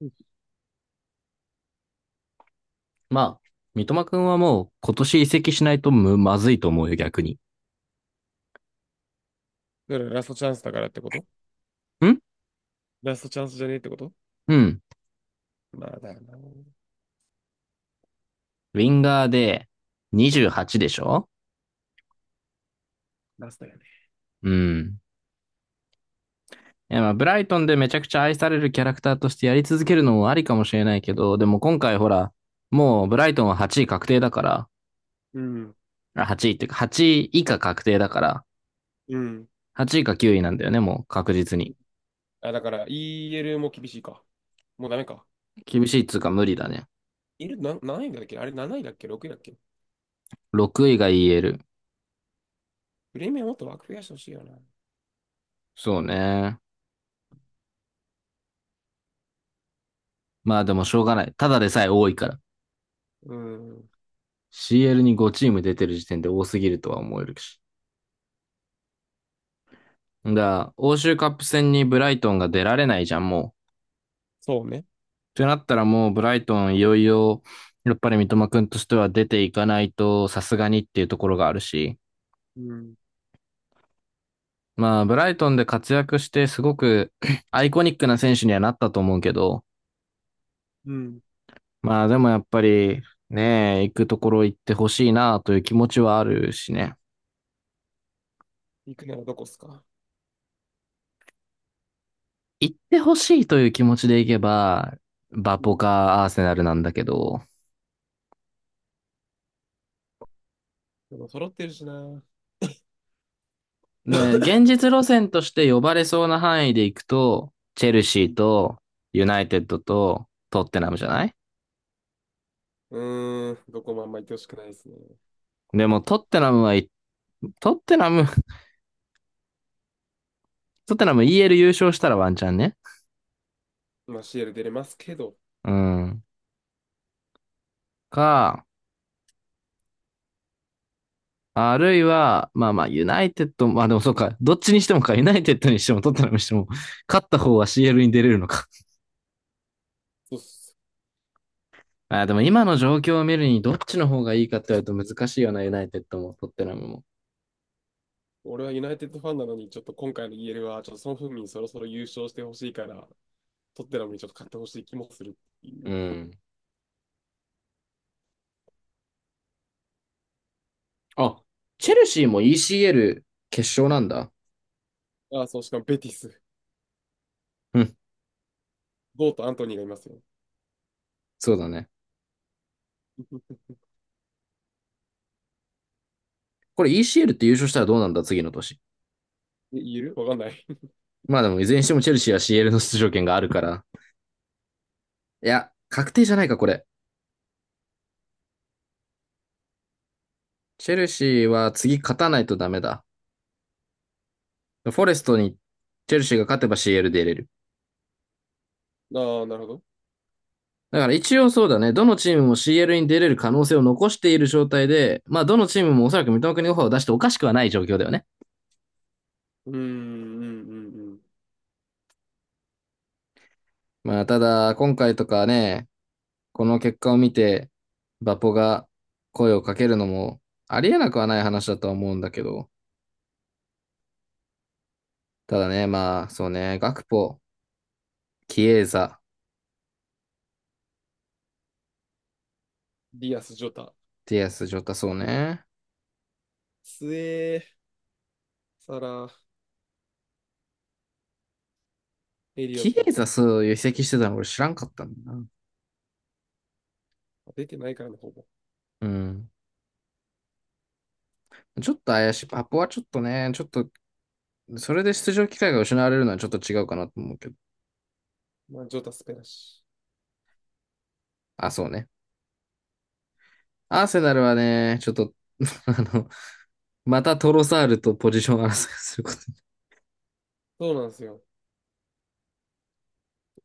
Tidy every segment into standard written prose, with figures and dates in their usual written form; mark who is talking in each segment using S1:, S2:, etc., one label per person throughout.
S1: うん。
S2: まあ、三笘くんはもう今年移籍しないとまずいと思うよ、逆に。
S1: だからラストチャンスだからってこと？
S2: ん。
S1: ラストチャンスじゃねえってこと？
S2: うん。
S1: まあだよな。
S2: ウィンガーで28でしょ。
S1: ラストやね。
S2: うん。いや、まあ、ブライトンでめちゃくちゃ愛されるキャラクターとしてやり続けるのもありかもしれないけど、でも今回ほら、もうブライトンは8位確定だから、
S1: うん。
S2: あ、8位っていうか、8位以下確定だから、
S1: うん。
S2: 8位か9位なんだよね、もう確実に。
S1: あ、だから EL も厳しいか。もうダメか。
S2: 厳しいっつうか無理だね。
S1: いる、な、何位だっけ？あれ7位だっけ？ 6 位だっけ？
S2: 6位がえる。
S1: プレミアもっと枠増やしてほしいよな。
S2: そうね。まあでもしょうがない。ただでさえ多いから。
S1: うん。
S2: CL に5チーム出てる時点で多すぎるとは思えるし。だから、欧州カップ戦にブライトンが出られないじゃん、もう。
S1: そうね。
S2: ってなったらもうブライトンいよいよ、やっぱり三笘くんとしては出ていかないとさすがにっていうところがあるし。
S1: うん。
S2: まあ、ブライトンで活躍してすごく アイコニックな選手にはなったと思うけど、
S1: うん。
S2: まあでもやっぱりね、行くところ行ってほしいなという気持ちはあるしね。
S1: 行くならどこっすか？
S2: 行ってほしいという気持ちで行けば、バ
S1: う
S2: ポ
S1: ん。
S2: かアーセナルなんだけど、
S1: でも揃ってるしな。う
S2: ね、現実路線として呼ばれそうな範囲で行くと、チェルシー
S1: ん。
S2: と、ユナイテッドと、トッテナムじゃない？
S1: うーん。どこもあんま行ってほしくないですね。
S2: でも、トッテナム、はい、トッテナム、トッテナム EL 優勝したらワンチャンね。
S1: まあ CL 出れますけど。
S2: うん。か、あるいは、まあまあ、ユナイテッド、まあでもそうか、どっちにしてもか、ユナイテッドにしてもトッテナムにしても、勝った方は CL に出れるのか。
S1: そうっす。
S2: あ、でも今の状況を見るに、どっちの方がいいかって言われると難しいよな、ユナイテッドも、トッテナムも。
S1: 俺はユナイテッドファンなのに、ちょっと今回のイーエルは、ちょっとソン・フンミンそろそろ優勝してほしいから、トッテナムにちょっと勝ってほしい気もするってい
S2: う
S1: う。
S2: ん。あ、チェルシーも ECL 決勝なんだ。
S1: ああ、そう、しかもベティス。
S2: うん、
S1: ゴーとアントニーがいますよ。
S2: そうだね。これ ECL って優勝したらどうなんだ、次の年。
S1: で、イーエルわかんない。
S2: まあでも、いずれにしてもチェルシーは CL の出場権があるから。いや、確定じゃないか、これ。チェルシーは次勝たないとダメだ。フォレストにチェルシーが勝てば CL で出れる。
S1: ああ、なるほど。
S2: だから一応そうだね。どのチームも CL に出れる可能性を残している状態で、まあどのチームもおそらく三笘国にオファーを出しておかしくはない状況だよね。
S1: うーん、うん、うん、うん。
S2: まあただ、今回とかね、この結果を見て、バポが声をかけるのもありえなくはない話だとは思うんだけど、ただね、まあ、そうね、ガクポ、キエーザ、
S1: ディアス・ジョタ。
S2: ティアス、ジョタ、そうね。
S1: スエー、サラ、エリオ
S2: キ
S1: ッ
S2: エ
S1: ト。
S2: ーザ、そういう移籍してたの俺知らんかったんだな。
S1: あ出てないからね、ほぼ。
S2: うん。ちょっと怪しい。バポはちょっとね、ちょっと、それで出場機会が失われるのはちょっと違うかなと思うけど。
S1: まあ、ジョタ、スペラシ。
S2: あ、そうね。アーセナルはね、ちょっと、あの、またトロサールとポジション争いすること。
S1: そうなんですよ。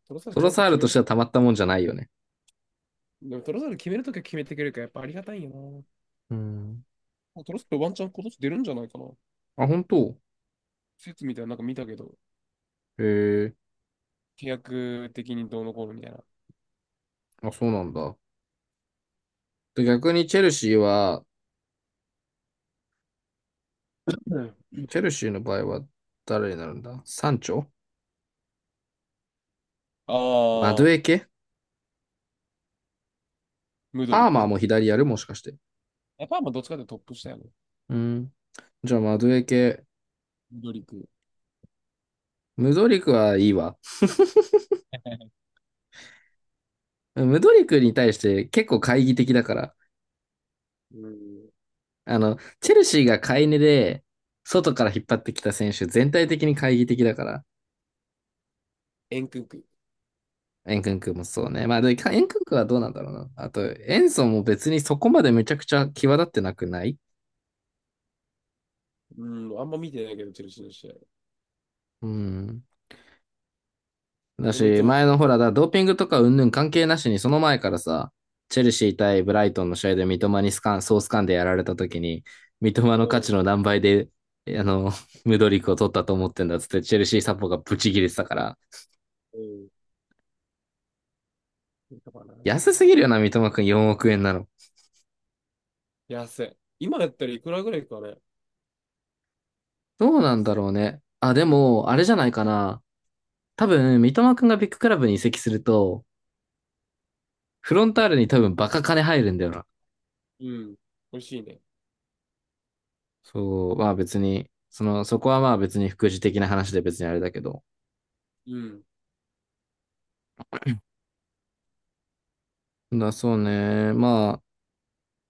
S1: トロサル
S2: ト
S1: ちゃ
S2: ロ
S1: んと
S2: サール
S1: 決
S2: と
S1: め
S2: し
S1: る。
S2: てはたまったもんじゃないよね。
S1: でもトロサル決めるときは決めてくれるから、やっぱありがたいよな。
S2: うん。
S1: あトロサルワンチャン今年出るんじゃないかな。
S2: あ、本当？
S1: 説みたいななんか見たけど。
S2: へえ、
S1: 契約的にどうのこうのみたいな。
S2: あ、そうなんだ。で、逆にチェルシーは、
S1: うん。
S2: チェルシーの場合は誰になるんだ？サンチョ、マドゥ
S1: ああ、
S2: エケ。
S1: ムドリ
S2: アーマー
S1: ク。
S2: も左やるもしかして？
S1: やっぱまあどっちかっていうとトップ下やね。
S2: うん。じゃあマドゥエケ。
S1: ムドリク。
S2: ムドリクはいいわ。ムドリクに対して結構懐疑的だから。
S1: うん。
S2: あの、チェルシーが買い値で、外から引っ張ってきた選手全体的に懐疑的だから。
S1: エンクンク。
S2: エンクンクもそうね。まあ、で、エンクンクはどうなんだろうな。あと、エンソも別にそこまでめちゃくちゃ際立ってなくない？
S1: うん。あんま見てないけど、チェルシーの試合。
S2: うん。だ
S1: でもいつ
S2: し、
S1: も
S2: 前
S1: 買っ
S2: のほ
S1: た。
S2: ら、ドーピングとか云々関係なしに、その前からさ、チェルシー対ブライトンの試合で三笘にスカン、ソースカンでやられた時に、三笘の
S1: う
S2: 価値
S1: ん。
S2: の何倍で、あの、ムドリックを取ったと思ってんだっつって、チェルシーサポがブチ切れてたから、
S1: うん。見たかな。
S2: 安すぎるよな、三笘くん4億円なの。
S1: 安い。今やったらいくらぐらいかね。
S2: どうな
S1: い
S2: んだ
S1: つ。
S2: ろうね。あ、でも、あれじゃないかな。多分、三笘くんがビッグクラブに移籍すると、フロンターレに多分バカ金入るんだよな。
S1: うん。美味しいね。
S2: そう、まあ別に、その、そこはまあ別に副次的な話で別にあれだけど。
S1: うん。
S2: だ、そうね。ま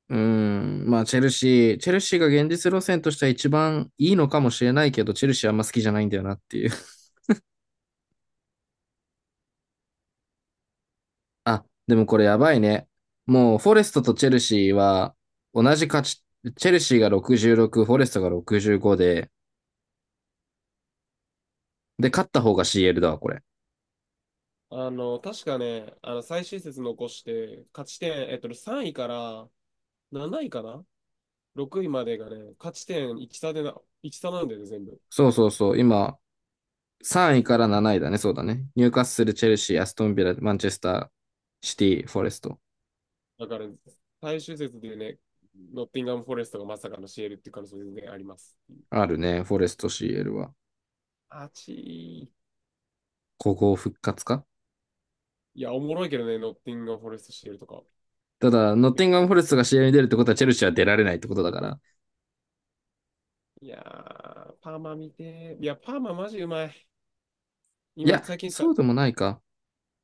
S2: あ、うん。まあ、チェルシーが現実路線としては一番いいのかもしれないけど、チェルシーあんま好きじゃないんだよなっていう。あ、でもこれやばいね。もう、フォレストとチェルシーは同じ勝ち、チェルシーが66、フォレストが65で、勝った方が CL だわ、これ。
S1: あの、確かね、あの、最終節残して、勝ち点、3位から7位かな？ 6 位までがね、勝ち点1差でな、1差なんだよね、全部。
S2: そうそうそう。今、3位から7位だね。そうだね。ニューカッスル、チェルシー、アストンビラ、マンチェスター、シティ、フォレスト。
S1: だから、最終節でね、ノッティンガム・フォレストがまさかのシエルっていう可能性全然あります。
S2: あるね。フォレスト CL は。
S1: あちー。
S2: 古豪復活か？
S1: いや、おもろいけどね、ノッティンガム・フォレスト、シエルとか。
S2: ただ、ノッティンガム・フォレストが試合に出るってことは、チェルシーは出られないってことだから。
S1: いやー、パーマ見てー。いや、パーママジうまい。
S2: い
S1: 今、
S2: や、
S1: 最近し
S2: そ
S1: た。
S2: うでもないか。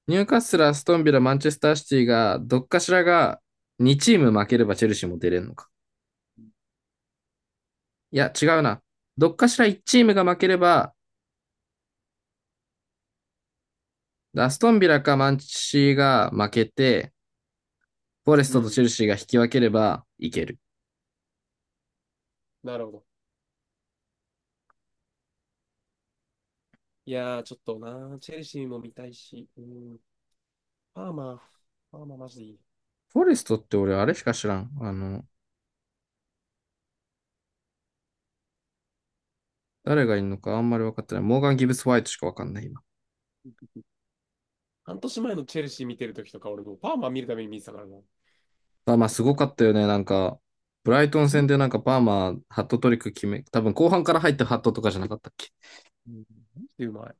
S2: ニューカッスル、アストンビラ、マンチェスターシティが、どっかしらが2チーム負ければチェルシーも出れるのか。いや、違うな。どっかしら1チームが負ければ、アストンビラかマンチーが負けて、フォレス
S1: う
S2: トとチ
S1: ん、
S2: ェルシーが引き分ければいける。
S1: なるほど。いやー、ちょっとなー、チェルシーも見たいし、うん、パーマ、パーママジでいい。
S2: フォレストって俺あれしか知らん。あの、誰がいるのかあんまり分かってない。モーガン・ギブス・ホワイトしか分かんない今。
S1: 半年前のチェルシー見てる時とか、俺もうパーマ見るために見てたからな。
S2: あ、まあ、すごかったよね。なんか、ブライトン
S1: す
S2: 戦
S1: う
S2: でなんかパーマ、ハットトリック決め、多分後半から入ったハットとかじゃなかったっけ？
S1: ん、マジでうまい。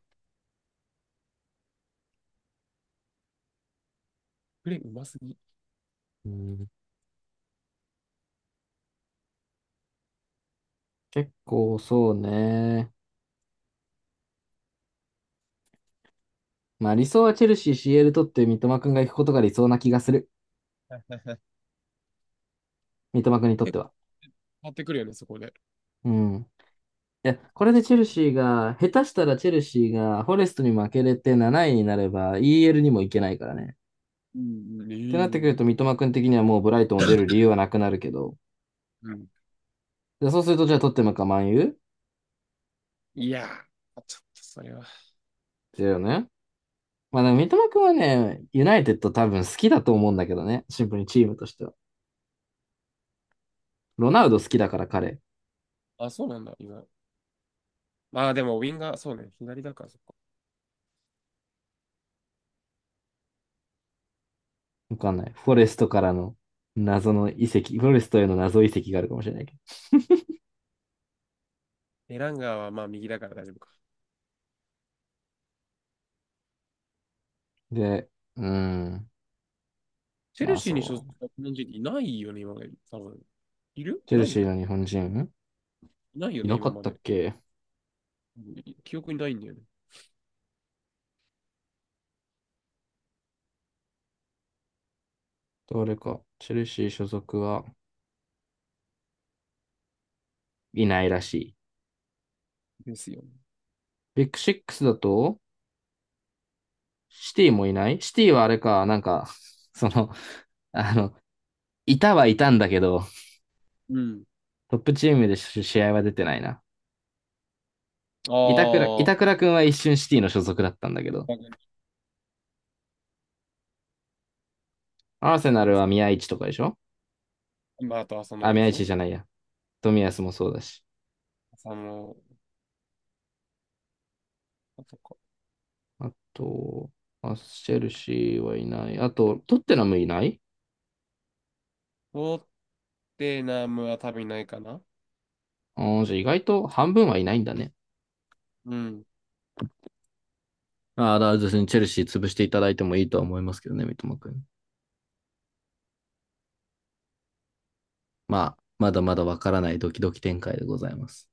S1: プレーうますぎ。
S2: うん、結構そうね。まあ理想はチェルシー CL 取って三笘くんが行くことが理想な気がする。三笘くんにとっ
S1: 結
S2: て
S1: 構
S2: は。
S1: 変わってくるよね、そこで。
S2: うん。いや、これでチェルシーが、下手したらチェルシーがフォレストに負けれて7位になれば EL にも行けないからね。
S1: うん、う
S2: っ
S1: ん。え
S2: てなってくる
S1: ー
S2: と三笘くん的にはもうブライトンを出る理由はなくなるけど。
S1: うん。
S2: で、そうするとじゃあ取ってもかマンユ
S1: いやー、あちょっとそれは。
S2: ーだよね。まあ、でも三笘くんはね、ユナイテッド多分好きだと思うんだけどね。シンプルにチームとしては。ロナウド好きだから彼。
S1: あ、そうなんだ、今。まあでも、ウィンガー、そうね、左だから、そっか。
S2: わかんない。フォレストからの謎の移籍、フォレストへの謎移籍があるかもしれないけ
S1: エランガーはまあ右だから大丈夫か。
S2: ど。で、うーん。
S1: チェ
S2: ま
S1: ル
S2: あ
S1: シーに所
S2: そ
S1: 属
S2: う。
S1: した日本人っていないよね、今まで。多分。いる
S2: チ
S1: い
S2: ェ
S1: な
S2: ル
S1: いよ
S2: シー
S1: ね。
S2: の日本人
S1: いないよ
S2: い
S1: ね、
S2: なか
S1: 今
S2: っ
S1: ま
S2: たっ
S1: で。
S2: け、
S1: うん、記憶にないんだよね。
S2: 誰か？チェルシー所属はいないらしい。
S1: ですよね。
S2: ビッグシックスだと、シティもいない。シティはあれか、なんか、その、あの、いたはいたんだけど、
S1: うん。
S2: トップチームで試合は出てないな。
S1: あ
S2: 板倉、板
S1: あ、
S2: 倉くんは一瞬シティの所属だったんだけど、アーセナ
S1: まあ、
S2: ルは宮市とかでしょ？
S1: まあ、あと浅の
S2: あ、
S1: で
S2: 宮
S1: し
S2: 市
S1: ょ？
S2: じゃないや。冨安もそうだし。
S1: サ野、あそこ。
S2: あと、アスチェルシーはいない。あと、トッテナムいない。
S1: ロッテナムは多分いないかな。
S2: ああ、じゃあ意外と半分はいないんだね。
S1: うん。
S2: ああ、だから別にチェルシー潰していただいてもいいとは思いますけどね、三笘くん。まあ、まだまだわからないドキドキ展開でございます。